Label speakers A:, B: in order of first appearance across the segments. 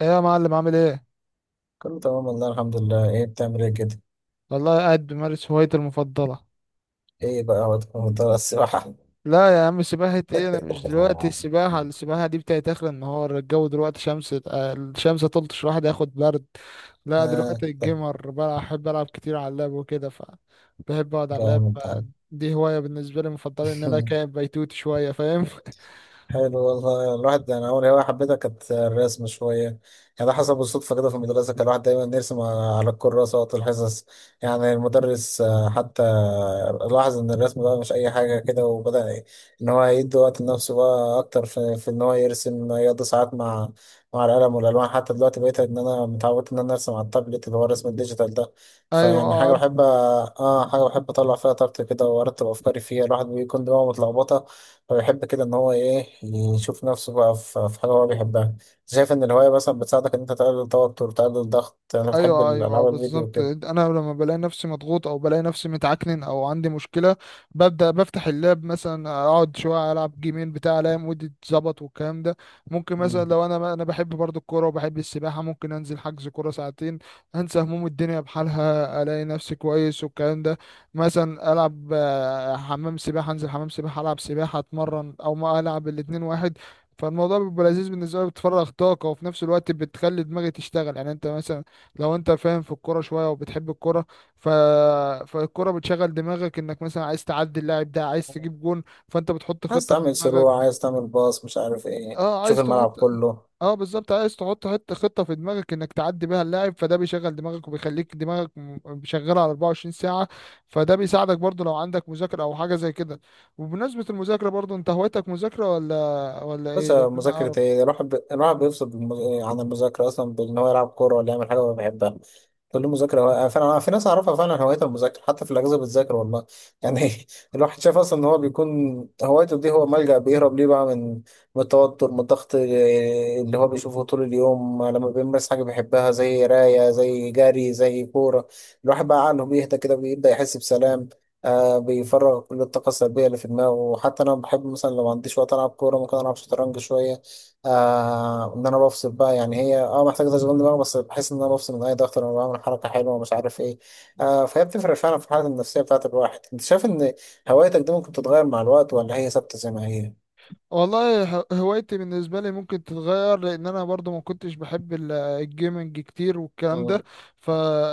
A: ايه يا معلم، عامل ايه؟
B: كله تمام والله الحمد لله. ايه بتعمل ايه كده؟
A: والله قاعد بمارس هوايتي المفضله.
B: ايه بقى وقت السباحة؟
A: لا يا عم، سباحه ايه؟ انا مش دلوقتي، السباحه دي بتاعت اخر النهار. الجو دلوقتي شمس، الشمس تلطش، الواحد ياخد برد. لا
B: اه،
A: دلوقتي
B: طيب.
A: الجيمر، بلعب، بحب العب كتير على اللاب وكده. بحب اقعد على اللاب
B: جامد ده.
A: دي هوايه بالنسبه لي مفضله، ان انا كائن بيتوت شويه، فاهم؟
B: حلو والله. الواحد انا اول هوايه حبيتها كانت الرسم شويه، يعني ده حصل بالصدفه كده في المدرسه. كان الواحد دايما يرسم على الكراسه وقت الحصص، يعني المدرس حتى لاحظ ان الرسم بقى مش اي حاجه كده، وبدا ان هو يدي وقت لنفسه بقى اكتر في ان هو يرسم، يقضي ساعات مع مع القلم والالوان. حتى دلوقتي بقيت ان انا متعود ان انا ارسم على التابلت، اللي هو الرسم الديجيتال ده. فيعني
A: ايوه،
B: حاجه بحب حاجه بحب اطلع فيها طاقتي كده، وارتب افكاري فيها. الواحد بيكون دماغه متلخبطه، هو يحب كده ان هو ايه يشوف نفسه بقى في في حاجه هو بيحبها. شايف ان الهوايه مثلا بتساعدك ان انت تقلل التوتر، تقلل الضغط؟ انا بحب
A: ايوه ايوه
B: الالعاب الفيديو
A: بالظبط.
B: كده.
A: انا لما بلاقي نفسي مضغوط او بلاقي نفسي متعكنن او عندي مشكله، ببدا بفتح اللاب مثلا، اقعد شويه العب جيمين بتاع، الاقي مودي اتظبط والكلام ده. ممكن مثلا،
B: مم.
A: لو انا بحب برضو الكوره وبحب السباحه، ممكن انزل حجز كوره ساعتين، انسى هموم الدنيا بحالها، الاقي نفسي كويس والكلام ده. مثلا العب، حمام سباحه، انزل حمام سباحه العب سباحه، اتمرن، او ما العب الاتنين واحد. فالموضوع بيبقى لذيذ بالنسبه لي، بتفرغ طاقه وفي نفس الوقت بتخلي دماغي تشتغل. يعني انت مثلا لو انت فاهم في الكوره شويه وبتحب الكوره، ف... فالكوره بتشغل دماغك، انك مثلا عايز تعدي اللاعب ده، عايز تجيب جون، فانت بتحط
B: عايز
A: خطه في
B: تعمل
A: دماغك.
B: شروع، عايز تعمل باص، مش عارف ايه،
A: اه
B: تشوف
A: عايز
B: الملعب
A: تحط
B: كله.
A: اه بالظبط، عايز تحط حته خطه في دماغك انك تعدي بيها اللاعب، فده بيشغل دماغك وبيخليك دماغك شغاله على 24 ساعه. فده بيساعدك برضو لو عندك مذاكره او حاجه زي كده. وبمناسبه المذاكره برضو، انت هوايتك مذاكره ولا
B: بس
A: ايه؟ لان انا اعرف.
B: مذاكرة ايه؟ الواحد الواحد بيفصل عن المذاكرة أصلا بإن هو يلعب كورة ولا يعمل حاجة هو بيحبها. كل مذاكرة فعلا في ناس أعرفها فعلا هوايتها المذاكرة، حتى في الأجازة بتذاكر والله، يعني. الواحد شاف أصلا إن هو بيكون هوايته دي، هو ملجأ بيهرب ليه بقى من من التوتر، من الضغط اللي هو بيشوفه طول اليوم. لما بيمارس حاجة بيحبها زي قراية، زي جري، زي كورة، الواحد بقى عقله بيهدى كده، بيبدأ يحس بسلام. آه، بيفرغ كل الطاقة السلبية اللي في دماغه. وحتى أنا بحب مثلا لو ما عنديش وقت ألعب كورة، ممكن ألعب شطرنج شوية. آه، إن أنا بفصل بقى، يعني هي أه محتاجة تشغيل دماغ، بس بحس إن أنا بفصل من أي ضغط لما بعمل حركة حلوة ومش عارف إيه. آه، فهي بتفرق فعلا في الحالة النفسية بتاعت الواحد. أنت شايف إن هوايتك دي ممكن تتغير مع الوقت، ولا هي ثابتة زي ما هي؟
A: والله، هوايتي بالنسبة لي ممكن تتغير، لأن أنا برضو ما كنتش بحب الجيمنج كتير والكلام ده.
B: مم.
A: ف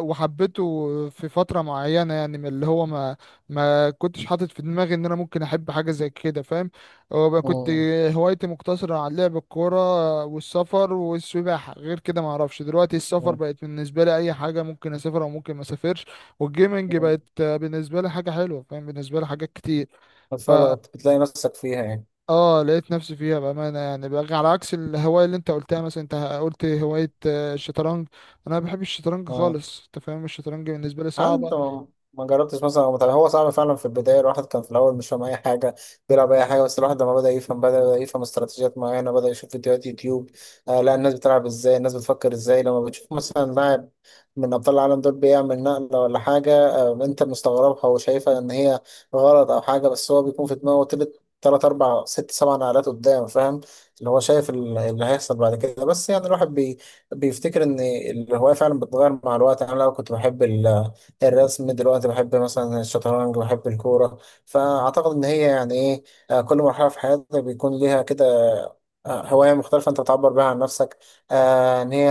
A: وحبيته في فترة معينة، يعني من اللي هو ما كنتش حاطط في دماغي إن أنا ممكن أحب حاجة زي كده، فاهم؟ وبقى كنت
B: مم.
A: هوايتي مقتصرة على لعب الكورة والسفر والسباحة. غير كده ما أعرفش. دلوقتي السفر
B: مم.
A: بقت بالنسبة لي أي حاجة، ممكن أسافر أو ممكن ما أسافرش. والجيمنج
B: مم.
A: بقت بالنسبة لي حاجة حلوة. فاهم؟ بالنسبة لي حاجات كتير،
B: بتفرغ، بتلاقي نفسك فيها، يعني.
A: اه لقيت نفسي فيها بأمانة. يعني بقى على عكس الهواية اللي انت قلتها، مثلا انت قلت هواية الشطرنج، انا ما بحبش الشطرنج
B: آه.
A: خالص، انت فاهم؟ الشطرنج بالنسبة لي
B: عاد
A: صعبة.
B: انت ما جربتش مثلا أو هو صعب فعلا في البدايه. الواحد كان في الاول مش فاهم اي حاجه، بيلعب اي حاجه. بس الواحد لما بدا يفهم، بدا يفهم استراتيجيات معينه، بدا يشوف فيديوهات يوتيوب. آه، لا الناس بتلعب ازاي، الناس بتفكر ازاي. لما بتشوف مثلا لاعب من ابطال العالم دول بيعمل نقله ولا حاجه، آه، انت مستغربها وشايفها ان هي غلط او حاجه، بس هو بيكون في دماغه تلات أربع ست سبع نقلات قدام، فاهم، اللي هو شايف اللي هيحصل بعد كده. بس يعني الواحد بيفتكر إن الهواية فعلا بتتغير مع الوقت. أنا لو كنت بحب الرسم دلوقتي بحب مثلا الشطرنج، بحب الكورة. فأعتقد إن هي يعني إيه، آه، كل مرحلة في حياتك بيكون ليها كده آه، هواية مختلفة أنت بتعبر بيها عن نفسك، آه، إن هي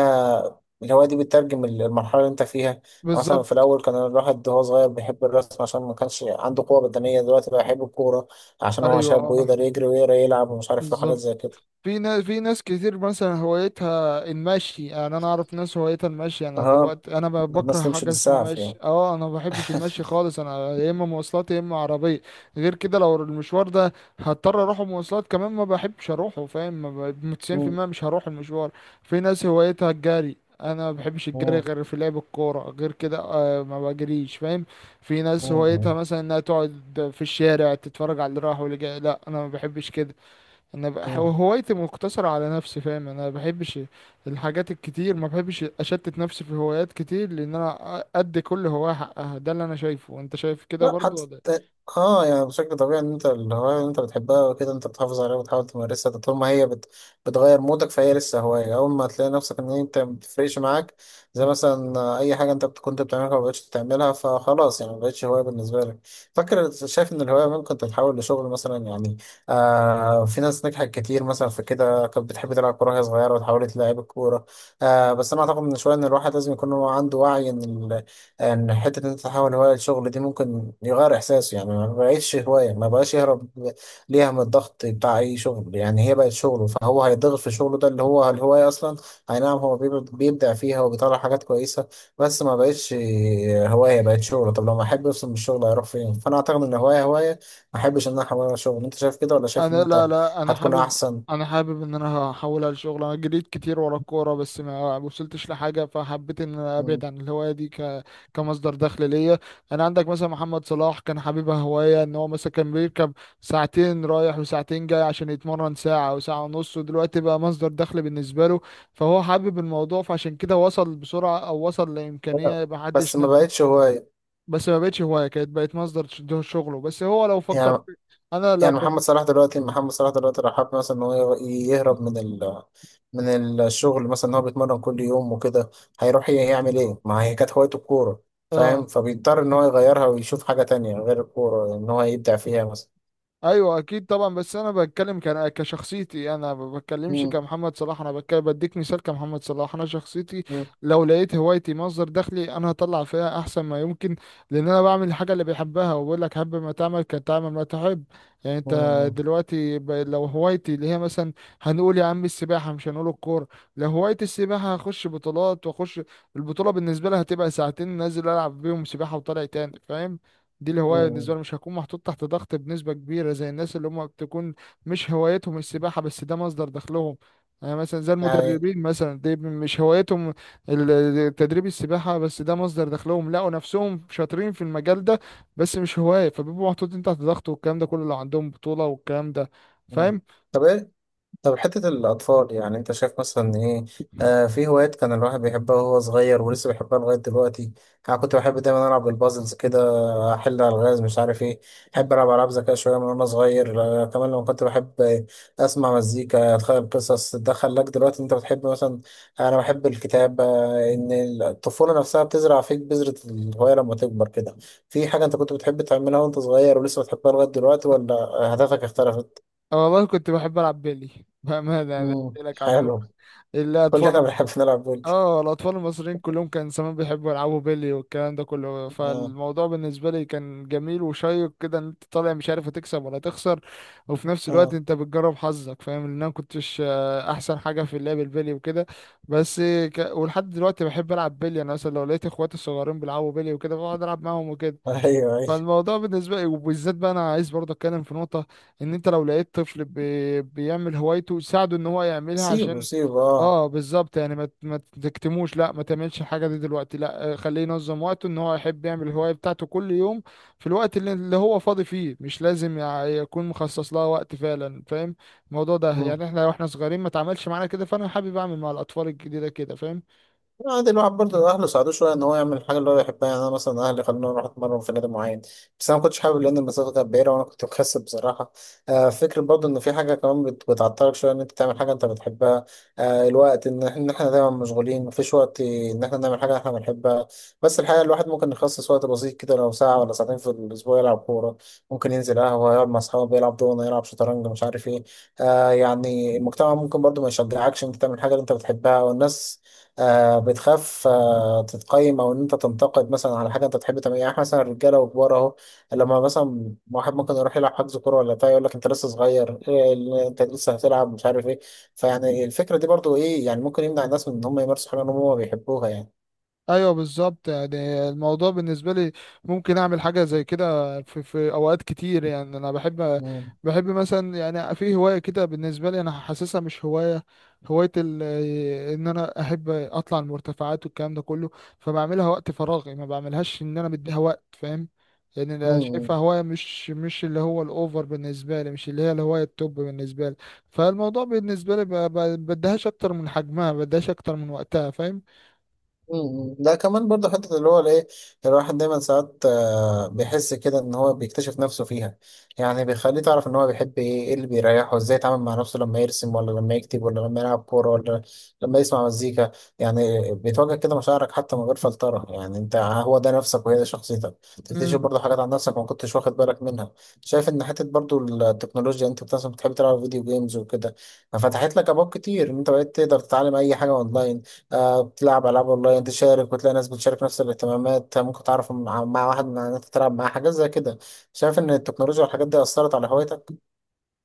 B: الهواية دي بتترجم المرحلة اللي أنت فيها، يعني. مثلا في
A: بالظبط،
B: الأول كان الواحد وهو صغير بيحب الرسم عشان ما كانش عنده قوة بدنية، دلوقتي بقى يحب الكورة عشان هو
A: ايوه
B: شاب،
A: اه
B: ويقدر يجري ويقدر يلعب ومش عارف إيه وحاجات
A: بالظبط.
B: زي كده.
A: في ناس كتير مثلا هوايتها المشي، يعني انا اعرف ناس هوايتها المشي. انا
B: أها،
A: دلوقتي انا بكره
B: الناس تمشي
A: حاجه اسمها
B: بالساعة في اليوم.
A: مشي، اه انا ما بحبش المشي خالص، انا يا اما مواصلات يا اما عربيه. غير كده لو المشوار ده هضطر اروح مواصلات كمان، ما بحبش اروحه، فاهم؟ ما ب-
B: مم.
A: 90% مش هروح المشوار. في ناس هوايتها الجري، انا ما بحبش الجري
B: مم.
A: غير في لعب الكوره، غير كده آه ما بجريش، فاهم؟ في ناس هوايتها
B: مم.
A: مثلا انها تقعد في الشارع تتفرج على اللي راح واللي جاي، لا انا ما بحبش كده. انا بقى،
B: مم.
A: هوايتي مقتصرة على نفسي، فاهم؟ انا ما بحبش الحاجات الكتير، ما بحبش اشتت نفسي في هوايات كتير، لان انا ادي كل هواية حقها. ده اللي انا شايفه، انت شايف كده
B: لا،
A: برضو
B: حتى
A: ولا إيه؟
B: اه يعني بشكل طبيعي ان انت الهواية اللي انت بتحبها وكده انت بتحافظ عليها، وبتحاول تمارسها. ده طول ما هي بتغير مودك، فهي لسه هواية. اول ما تلاقي نفسك ان انت ما بتفرقش معاك، زي مثلا آه، اي حاجة انت كنت بتعملها ما بقتش بتعملها، فخلاص يعني ما بقتش هواية بالنسبة لك. فاكر شايف ان الهواية ممكن تتحول لشغل مثلا، يعني آه في ناس نجحت كتير مثلا في كده، كانت بتحب تلعب كورة وهي صغيرة وتحولت لعيب الكورة. آه، بس انا اعتقد من شوية ان الواحد لازم يكون هو عنده وعي ان ان حته إن انت تحول هوايه لشغل دي ممكن يغير احساسه، يعني ما بقتش هوايه، ما بقاش يهرب ليها من الضغط بتاع اي شغل. يعني هي بقت شغله، فهو هيتضغط في شغله، ده اللي هو الهوايه اصلا. اي نعم هو بيبدع فيها وبيطلع حاجات كويسه، بس ما بقتش هوايه، بقت شغله. طب لما احب افصل من الشغل هيروح فين؟ فانا اعتقد ان هوايه ما احبش ان انا احولها لشغل. انت شايف كده ولا شايف ان
A: انا
B: انت
A: لا لا، انا
B: هتكون
A: حابب،
B: احسن؟
A: انا حابب ان انا هحولها لشغل. انا جريت كتير ورا الكوره بس ما وصلتش لحاجه، فحبيت ان انا
B: مم.
A: ابعد عن الهوايه دي كمصدر دخل ليا. انا عندك مثلا محمد صلاح، كان حبيبها هوايه، ان هو مثلا كان بيركب ساعتين رايح وساعتين جاي عشان يتمرن ساعه او ساعه ونص، ودلوقتي بقى مصدر دخل بالنسبه له. فهو حابب الموضوع، فعشان كده وصل بسرعه، او وصل لامكانيه ما
B: بس
A: حدش
B: ما بقتش هوايه،
A: بس ما بقتش هوايه، كانت بقت مصدر شغله. بس هو لو فكر
B: يعني.
A: انا لا
B: يعني
A: ب...
B: محمد صلاح دلوقتي، محمد صلاح دلوقتي راح حب مثلا ان هو يهرب من ال من الشغل مثلا، ان هو بيتمرن كل يوم وكده، هيروح يعمل ايه؟ ما هي كانت هوايته الكورة،
A: اه
B: فاهم؟ فبيضطر ان هو يغيرها ويشوف حاجة تانية غير الكورة ان هو يبدع فيها مثلا.
A: ايوه اكيد طبعا، بس انا بتكلم كان كشخصيتي انا، ما بتكلمش
B: مم.
A: كمحمد صلاح، انا بتكلم بديك مثال كمحمد صلاح. انا شخصيتي
B: مم.
A: لو لقيت هوايتي مصدر دخلي، انا هطلع فيها احسن ما يمكن، لان انا بعمل الحاجه اللي بحبها. وبقول لك، حب ما تعمل، كان تعمل ما تحب. يعني انت
B: مم.
A: دلوقتي لو هوايتي اللي هي مثلا، هنقول يا عم السباحه مش هنقول الكوره، لو هوايتي السباحه هخش بطولات، واخش البطوله بالنسبه لها هتبقى ساعتين نازل العب بيهم سباحه وطالع تاني، فاهم؟ دي الهواية بالنسبة
B: مم.
A: لي، مش هكون محطوط تحت ضغط بنسبة كبيرة زي الناس اللي هم بتكون مش هوايتهم السباحة بس ده مصدر دخلهم. يعني مثلا زي
B: يعني.
A: المدربين مثلا، دي مش هوايتهم تدريب السباحة، بس ده مصدر دخلهم، لقوا نفسهم شاطرين في المجال ده بس مش هواية، فبيبقوا محطوطين تحت ضغط والكلام ده كله لو عندهم بطولة والكلام ده،
B: مم.
A: فاهم؟
B: طب ايه، طب حتة الأطفال، يعني أنت شايف مثلا إيه، آه، في هوايات كان الواحد بيحبها وهو صغير ولسه بيحبها لغاية دلوقتي. أنا كنت بحب دايما ألعب بالبازلز كده، أحل ألغاز مش عارف إيه. بحب ألعب ألعاب ذكاء شوية من وأنا صغير. آه، كمان لما كنت بحب آه، أسمع مزيكا، أتخيل قصص. ده خلاك دلوقتي أنت بتحب مثلا، أنا بحب الكتاب. آه، إن الطفولة نفسها بتزرع فيك بذرة الهواية لما تكبر كده. في حاجة أنت كنت بتحب تعملها وأنت صغير ولسه بتحبها لغاية دلوقتي، ولا أهدافك اختلفت؟
A: أنا والله كنت بحب ألعب بيلي بأمانة. أنا
B: مم.
A: قلت لك على الدكر،
B: حلو.
A: الأطفال،
B: كلنا بنحب نلعب بولي.
A: اه الاطفال المصريين كلهم كان زمان بيحبوا يلعبوا بيلي والكلام ده كله.
B: اه.
A: فالموضوع بالنسبه لي كان جميل وشيق كده، ان انت طالع مش عارف هتكسب ولا تخسر، وفي نفس الوقت
B: اه.
A: انت بتجرب حظك، فاهم؟ ان انا كنتش احسن حاجه في اللعب البيلي وكده، بس ولحد دلوقتي بحب العب بيلي. انا مثلا لو لقيت اخواتي الصغيرين بيلعبوا بيلي وكده، بقعد العب معاهم وكده.
B: ايوه، ايوه.
A: فالموضوع بالنسبه لي، وبالذات بقى انا عايز برضه اتكلم في نقطه، ان انت لو لقيت طفل بيعمل هوايته، ساعده ان هو يعملها،
B: سيبه،
A: عشان
B: سيبه، اه.
A: اه بالظبط. يعني ما تكتموش، لا ما تعملش الحاجه دي دلوقتي لا، خليه ينظم وقته، ان هو يحب يعمل الهوايه بتاعته كل يوم في الوقت اللي هو فاضي فيه، مش لازم يكون مخصص لها وقت فعلا، فاهم الموضوع ده؟ يعني احنا واحنا صغيرين ما اتعملش معانا كده، فانا حابب اعمل مع الاطفال الجديده كده، فاهم؟
B: عادي. الواحد برضه أهله ساعدوه شوية إن هو يعمل الحاجة اللي هو يحبها، يعني أنا مثلا أهلي خلوني أروح أتمرن في نادي معين، بس أنا ما كنتش حابب لأن المسافة كانت بعيدة وأنا كنت مكسل بصراحة. آه، فكرة برضه إن في حاجة كمان بتعطلك شوية إن أنت تعمل حاجة أنت بتحبها. آه، الوقت، إن إن إحنا دايما مشغولين، مفيش وقت إن إحنا نعمل حاجة إحنا بنحبها. بس الحقيقة الواحد ممكن يخصص وقت بسيط كده، لو ساعة ولا ساعتين في الأسبوع يلعب كورة، ممكن ينزل قهوة يقعد مع أصحابه، يلعب دومنة، يلعب شطرنج، مش عارف إيه. آه، يعني المجتمع ممكن برضه ما يشجعكش إن أنت تعمل حاجة اللي أنت بتحبها. والناس آه بتخاف آه تتقيم او ان انت تنتقد مثلا على حاجه انت تحب تعملها. يعني إحنا مثلا الرجاله وكبار اهو لما مثلا واحد ممكن يروح يلعب حجز كوره ولا بتاع، يقول لك انت لسه صغير، إيه اللي انت لسه هتلعب، مش عارف ايه. فيعني الفكره دي برضو ايه، يعني ممكن يمنع الناس من ان هم يمارسوا حاجه هم ما بيحبوها، يعني.
A: ايوه بالظبط. يعني الموضوع بالنسبه لي ممكن اعمل حاجه زي كده في اوقات كتير، يعني انا بحب،
B: مم.
A: بحب مثلا، يعني في هوايه كده بالنسبه لي انا حاسسها مش هوايه، هوايه ال- ان انا احب اطلع المرتفعات والكلام ده كله، فبعملها وقت فراغي، ما بعملهاش ان انا مديها وقت، فاهم؟ يعني انا
B: مم.
A: شايفها هوايه، مش اللي هو الاوفر بالنسبه لي، مش اللي هي الهوايه التوب بالنسبه لي. فالموضوع بالنسبه لي بديهاش اكتر من حجمها، بديهاش اكتر من وقتها، فاهم؟
B: مم. ده كمان برضه حتة اللي هو الايه، الواحد دايما ساعات آه، بيحس كده ان هو بيكتشف نفسه فيها. يعني بيخليه تعرف ان هو بيحب ايه، ايه اللي بيريحه، ازاي يتعامل مع نفسه لما يرسم ولا لما يكتب ولا لما يلعب كورة ولا لما يسمع مزيكا. يعني بتواجه كده مشاعرك حتى من غير فلترة. يعني انت آه، هو ده نفسك وهي ده شخصيتك. تكتشف برضه حاجات عن نفسك ما كنتش واخد بالك منها. شايف ان حتة برضه التكنولوجيا، انت مثلا بتحب تلعب فيديو جيمز وكده، ففتحت لك ابواب كتير ان انت بقيت تقدر تتعلم اي حاجة اونلاين. آه، بتلعب ألعاب أونلاين، تشارك وتلاقي ناس بتشارك نفس الاهتمامات. آه، ممكن تعرف مع مع واحد من إن أنت تلعب معاه حاجات زي كده. شايف إن التكنولوجيا والحاجات دي أثرت على هوايتك؟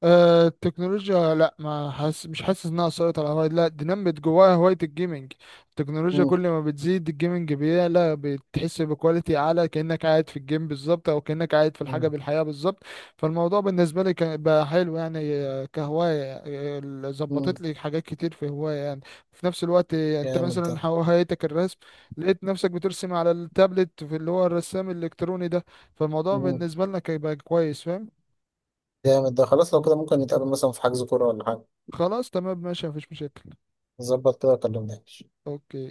A: التكنولوجيا لا، ما حاسس مش حاسس انها اثرت على هوايتي، لا دي نمت جواها هوايه الجيمنج. التكنولوجيا
B: مم.
A: كل ما بتزيد، الجيمنج بيعلى، بتحس بكواليتي اعلى كانك قاعد في الجيم بالظبط، او كانك قاعد في الحاجه
B: مم.
A: بالحياه بالظبط. فالموضوع بالنسبه لي بقى حلو يعني، كهوايه ظبطت
B: مم.
A: لي حاجات كتير في هوايه يعني. في نفس الوقت، انت
B: جامد ده.
A: مثلا هوايتك الرسم، لقيت نفسك بترسم على التابلت، في اللي هو الرسام الالكتروني ده، فالموضوع
B: مم.
A: بالنسبه لنا كان بقى كويس، فاهم؟
B: جامد ده. خلاص لو كده ممكن نتقابل مثلا في حجز كورة ولا حاجة،
A: خلاص تمام ماشي، مفيش مشاكل.
B: نظبط كده وكلمني.
A: اوكي.